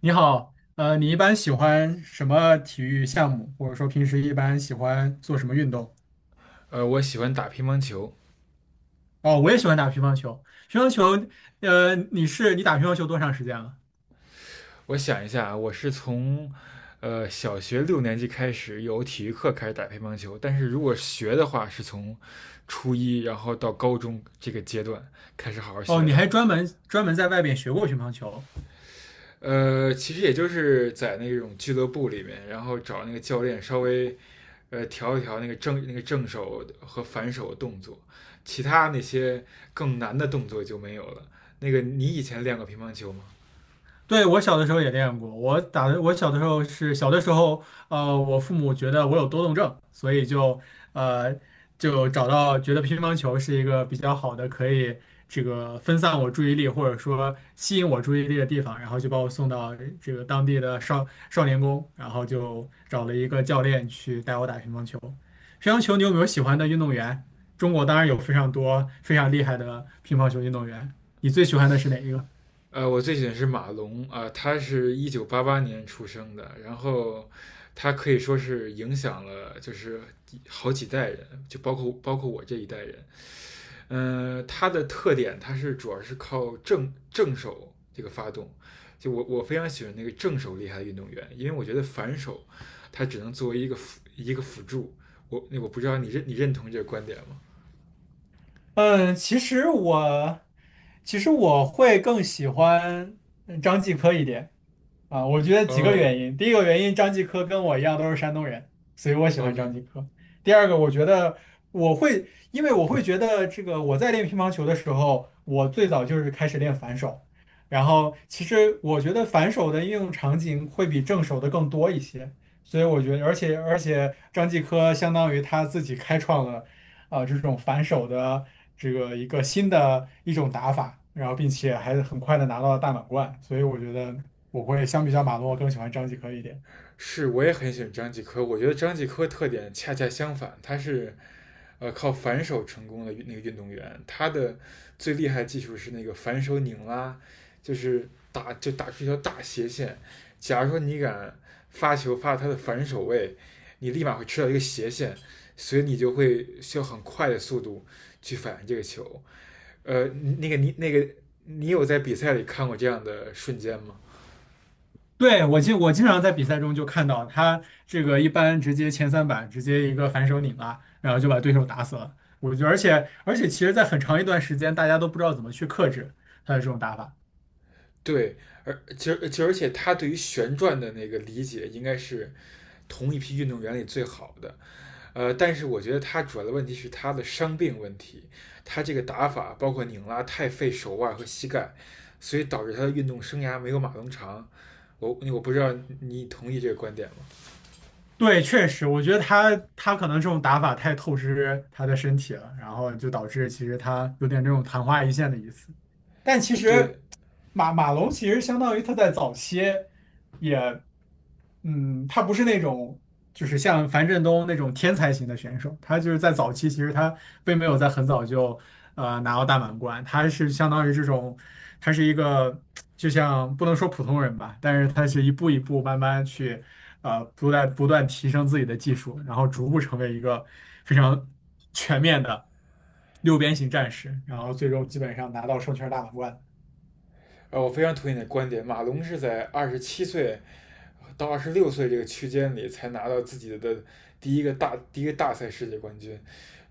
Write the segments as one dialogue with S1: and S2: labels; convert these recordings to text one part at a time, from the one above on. S1: 你好，你一般喜欢什么体育项目，或者说平时一般喜欢做什么运动？
S2: 我喜欢打乒乓球。
S1: 哦，我也喜欢打乒乓球。乒乓球，你打乒乓球多长时间了？
S2: 我想一下啊，我是从小学六年级开始有体育课开始打乒乓球，但是如果学的话，是从初一然后到高中这个阶段开始好好
S1: 哦，
S2: 学
S1: 你
S2: 的。
S1: 还专门在外边学过乒乓球。
S2: 其实也就是在那种俱乐部里面，然后找那个教练稍微调一调那个正手和反手的动作，其他那些更难的动作就没有了。那个你以前练过乒乓球吗？
S1: 对，我小的时候也练过，我打的，我小的时候是小的时候，我父母觉得我有多动症，所以呃就找到觉得乒乓球是一个比较好的可以这个分散我注意力或者说吸引我注意力的地方，然后就把我送到这个当地的少年宫，然后就找了一个教练去带我打乒乓球。乒乓球你有没有喜欢的运动员？中国当然有非常多非常厉害的乒乓球运动员，你最喜欢的是哪一个？
S2: 我最喜欢是马龙啊、他是1988年出生的，然后他可以说是影响了就是好几代人，就包括我这一代人。他的特点他是主要是靠正手这个发动，就我非常喜欢那个正手厉害的运动员，因为我觉得反手他只能作为一个辅助。那我不知道你认同这个观点吗？
S1: 嗯，其实我会更喜欢张继科一点。啊，我觉得几个
S2: 哦
S1: 原因。第一个原因，张继科跟我一样都是山东人，所以我喜欢
S2: ，OK，
S1: 张继科。第二个，我觉得因为我会觉得这个我在练乒乓球的时候，我最早就是开始练反手，然后其实我觉得反手的应用场景会比正手的更多一些，所以我觉得，而且张继科相当于他自己开创了这种反手的这个一个新的一种打法，然后并且还很快的拿到了大满贯，所以我觉得。我会相比较马龙，我更喜欢张继科一点。
S2: 是，我也很喜欢张继科。我觉得张继科特点恰恰相反，他是靠反手成功的那个运动员。他的最厉害的技术是那个反手拧拉，就是打出一条大斜线。假如说你敢发球发他的反手位，你立马会吃到一个斜线，所以你就会需要很快的速度去反应这个球。那个你有在比赛里看过这样的瞬间吗？
S1: 对，我经常在比赛中就看到他这个一般直接前三板直接一个反手拧拉，然后就把对手打死了。我觉得，而且其实，在很长一段时间，大家都不知道怎么去克制他的这种打法。
S2: 对，而其实其实而且他对于旋转的那个理解应该是同一批运动员里最好的。但是我觉得他主要的问题是他的伤病问题，他这个打法包括拧拉太费手腕和膝盖，所以导致他的运动生涯没有马龙长。我不知道你同意这个观点吗？
S1: 对，确实，我觉得他可能这种打法太透支他的身体了，然后就导致其实他有点这种昙花一现的意思。但其
S2: 对，
S1: 实马龙其实相当于他在早期也，嗯，他不是那种就是像樊振东那种天才型的选手，他就是在早期其实他并没有在很早就拿到大满贯，他是相当于这种，他是一个就像不能说普通人吧，但是他是一步一步慢慢去不断提升自己的技术，然后逐步成为一个非常全面的。六边形战士，然后最终基本上拿到双圈大满贯。
S2: 我非常同意你的观点。马龙是在27岁到二十六岁这个区间里才拿到自己的第一个大赛世界冠军。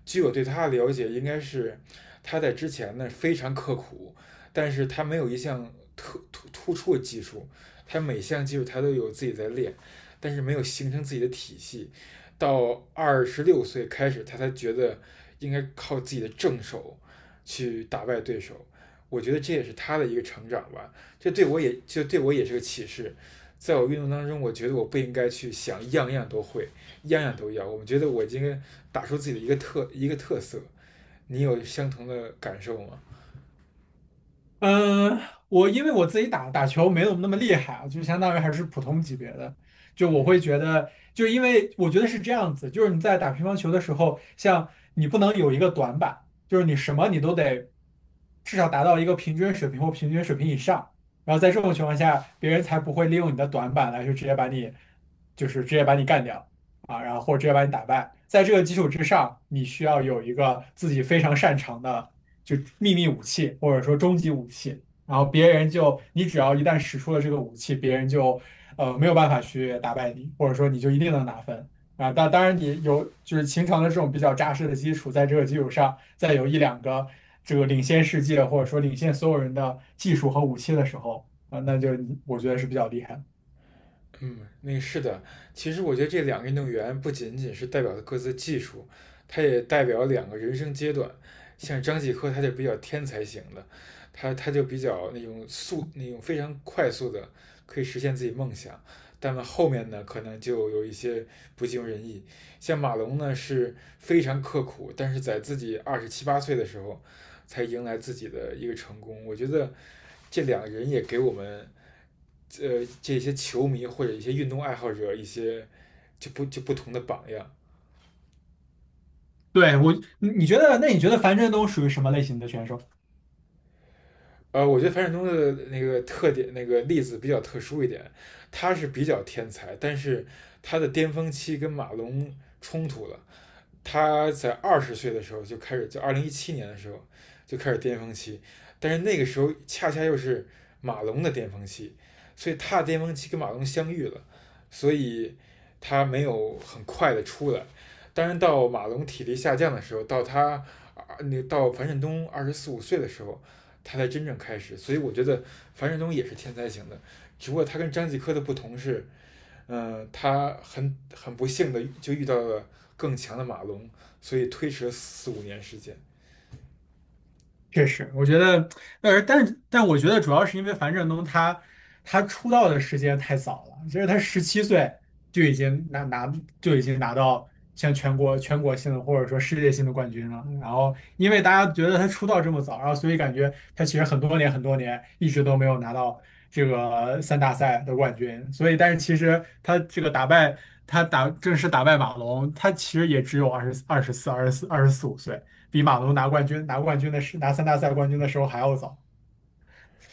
S2: 据我对他的了解，应该是他在之前呢非常刻苦，但是他没有一项突出的技术，他每项技术他都有自己在练，但是没有形成自己的体系。到二十六岁开始，他才觉得应该靠自己的正手去打败对手。我觉得这也是他的一个成长吧，这对我也就对我也是个启示。在我运动当中，我觉得我不应该去想样样都会，样样都要。我们觉得我今天打出自己的一个特色，你有相同的感受吗？
S1: 嗯，我因为我自己打球没有那么厉害啊，就相当于还是普通级别的。
S2: 嗯，
S1: 就因为我觉得是这样子，就是你在打乒乓球的时候，像你不能有一个短板，就是你什么你都得至少达到一个平均水平或平均水平以上。然后在这种情况下，别人才不会利用你的短板来去直接把你，就是直接把你干掉啊，然后或者直接把你打败。在这个基础之上，你需要有一个自己非常擅长的。就秘密武器或者说终极武器，然后别人就你只要一旦使出了这个武器，别人就没有办法去打败你，或者说你就一定能拿分啊。当然你有就是秦城的这种比较扎实的基础，在这个基础上再有一两个这个领先世界或者说领先所有人的技术和武器的时候啊，那就我觉得是比较厉害的。
S2: 嗯，那是的。其实我觉得这两个运动员不仅仅是代表了各自的技术，他也代表了两个人生阶段。像张继科，他就比较天才型的，他就比较那种非常快速的可以实现自己梦想。但后面呢，可能就有一些不尽如人意。像马龙呢，是非常刻苦，但是在自己27、28岁的时候，才迎来自己的一个成功。我觉得这两个人也给我们这些球迷或者一些运动爱好者一些就不就不同的榜样。
S1: 对，你你觉得，那你觉得樊振东属于什么类型的选手？
S2: 我觉得樊振东的那个特点那个例子比较特殊一点，他是比较天才，但是他的巅峰期跟马龙冲突了，他在20岁的时候就开始，就2017年的时候就开始巅峰期，但是那个时候恰恰又是马龙的巅峰期，所以他的巅峰期跟马龙相遇了，所以他没有很快的出来。当然，到马龙体力下降的时候，到他啊，那到樊振东24、25岁的时候，他才真正开始。所以我觉得樊振东也是天才型的，只不过他跟张继科的不同是，他很不幸的就遇到了更强的马龙，所以推迟了4、5年时间。
S1: 确实，我觉得，但我觉得主要是因为樊振东他出道的时间太早了，其实他17岁就已经拿拿就已经拿到像全国性的或者说世界性的冠军了。然后因为大家觉得他出道这么早，然后所以感觉他其实很多年一直都没有拿到这个三大赛的冠军。所以但是其实他打正式打败马龙，他其实也只有二十四五岁。比马龙拿三大赛冠军的时候还要早。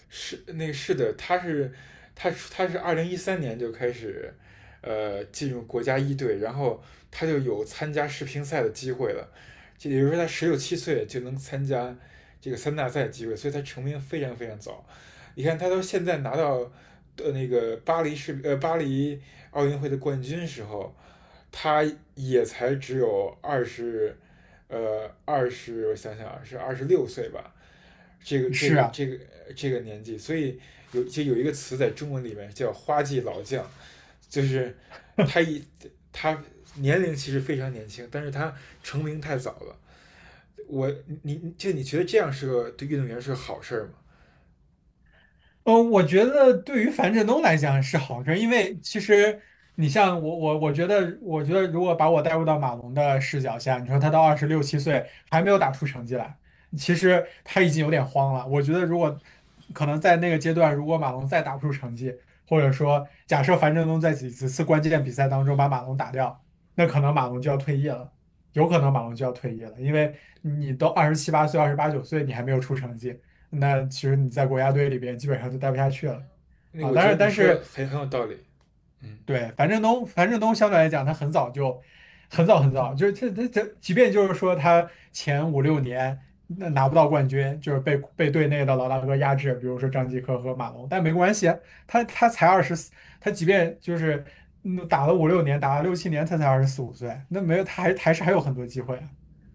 S2: 是的，他是2013年就开始进入国家一队，然后他就有参加世乒赛的机会了，就也就是说他16、17岁就能参加这个三大赛的机会，所以他成名非常非常早。你看他到现在拿到那个巴黎奥运会的冠军时候，他也才只有二十呃二十我想想啊是二十六岁吧。这个这
S1: 是
S2: 个
S1: 啊，
S2: 这个这个年纪，所以有一个词在中文里面叫"花季老将"，就是他一他年龄其实非常年轻，但是他成名太早了。我你就你觉得这样对运动员是个好事儿吗？
S1: 我觉得对于樊振东来讲是好事儿，因为其实你像我，我我觉得，我觉得如果把我带入到马龙的视角下，你说他到26、7岁还没有打出成绩来，其实他已经有点慌了。我觉得如果可能在那个阶段，如果马龙再打不出成绩，或者说假设樊振东在几次关键比赛当中把马龙打掉，那可能马龙就要退役了，有可能马龙就要退役了，因为你都27、8岁、28、9岁，你还没有出成绩。那其实你在国家队里边基本上就待不下去了
S2: 那
S1: 啊。
S2: 我觉
S1: 但是
S2: 得你
S1: 但
S2: 说的
S1: 是
S2: 很有道理。嗯，
S1: 对樊振东，樊振东相对来讲，他很早就很早很早，就是他他他，即便就是说他前五六年那拿不到冠军，就是被队内的老大哥压制，比如说张继科和马龙，但没关系啊，他才二十四，他即便就是打了五六年，打了6、7年，他才二十四五岁，那没有他还有很多机会啊，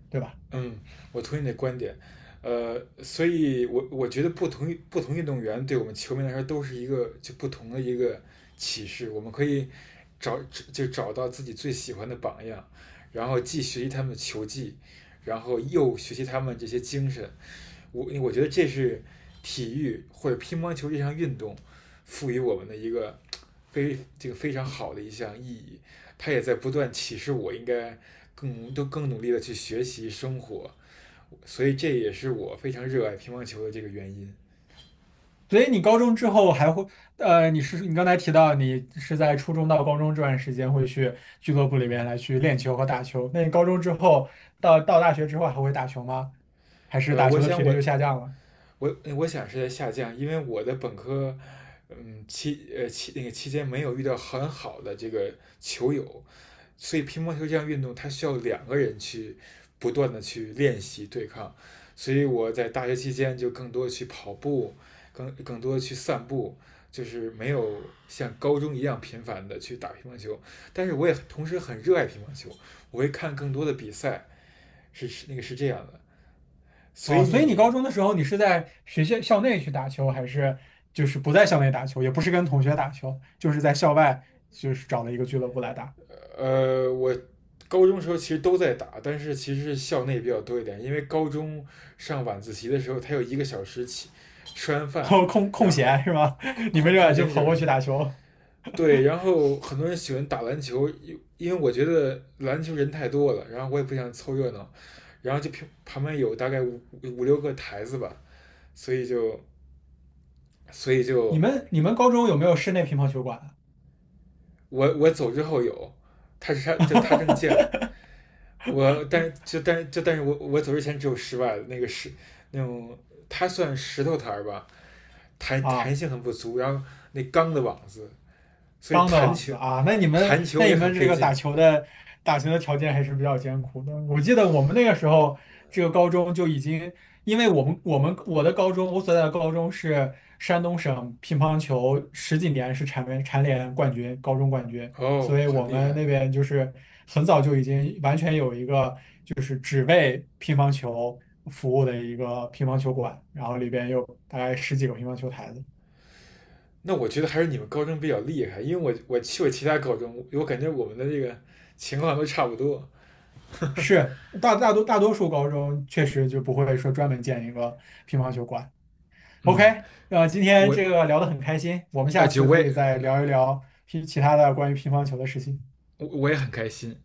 S1: 对吧？
S2: 嗯，我同意你的观点，所以我觉得不同运动员对我们球迷来说都是一个不同的一个启示，我们可以找找到自己最喜欢的榜样，然后既学习他们的球技，然后又学习他们这些精神。我觉得这是体育或者乒乓球这项运动赋予我们的一个非这个非常好的一项意义，它也在不断启示我应该更努力的去学习生活。所以这也是我非常热爱乒乓球的这个原因。
S1: 所以你高中之后还会，你刚才提到你是在初中到高中这段时间会去俱乐部里面
S2: 嗯，
S1: 来去练球和打球。那你高中之后到大学之后还会打球吗？还是
S2: 呃，
S1: 打
S2: 我
S1: 球的
S2: 想
S1: 频率又
S2: 我
S1: 下降了？
S2: 我想是在下降，因为我的本科，嗯期呃期那个期间没有遇到很好的这个球友，所以乒乓球这项运动它需要两个人去不断的去练习对抗，所以我在大学期间就更多去跑步，更多去散步。就是没有像高中一样频繁的去打乒乓球，但是我也同时很热爱乒乓球，我会看更多的比赛，是这样的，所
S1: 哦，
S2: 以
S1: 所以你高
S2: 你
S1: 中的时候你是在学校校内去打球，还是就是不在校内打球，也不是跟同学打球，就是在校外就是找了一个俱乐部来打，
S2: 我高中时候其实都在打，但是其实是校内比较多一点，因为高中上晚自习的时候，他有一个小时起，吃完
S1: 然
S2: 饭，
S1: 后空空
S2: 然后
S1: 闲是吗？你们
S2: 空
S1: 这就
S2: 闲一小
S1: 跑过
S2: 时，
S1: 去打球。
S2: 对，然后很多人喜欢打篮球，因为我觉得篮球人太多了，然后我也不想凑热闹，然后就旁边有大概六个台子吧，所以就所以
S1: 你
S2: 就
S1: 们你们高中有没有室内乒乓球馆
S2: 我走之后有，他正建我但就但就但是我走之前只有十万那个石那种，它算石头台儿吧，
S1: 啊？
S2: 弹
S1: 啊
S2: 性很不足，然后那钢的网子，所以
S1: 钢的网子啊，那你们
S2: 弹
S1: 那
S2: 球
S1: 你
S2: 也很
S1: 们这
S2: 费
S1: 个
S2: 劲。
S1: 打球的条件还是比较艰苦的。我记得我们那个时候，这个高中就已经，因为我的高中，我所在的高中是山东省乒乓球十几年是蝉联冠军，高中冠军，
S2: 哦，
S1: 所以我
S2: 很厉
S1: 们
S2: 害。
S1: 那边就是很早就已经完全有一个只为乒乓球服务的一个乒乓球馆，然后里边有大概十几个乒乓球台子。
S2: 那我觉得还是你们高中比较厉害，因为我去过其他高中，我感觉我们的这个情况都差不多。
S1: 是大多数高中确实就不会说专门建一个乒乓球馆。OK，
S2: 嗯，
S1: 今天
S2: 我
S1: 这个聊得很开心，我们
S2: 而
S1: 下
S2: 且
S1: 次
S2: 我
S1: 可
S2: 也
S1: 以再聊一聊其他的关于乒乓球的事情。
S2: 我也很开心，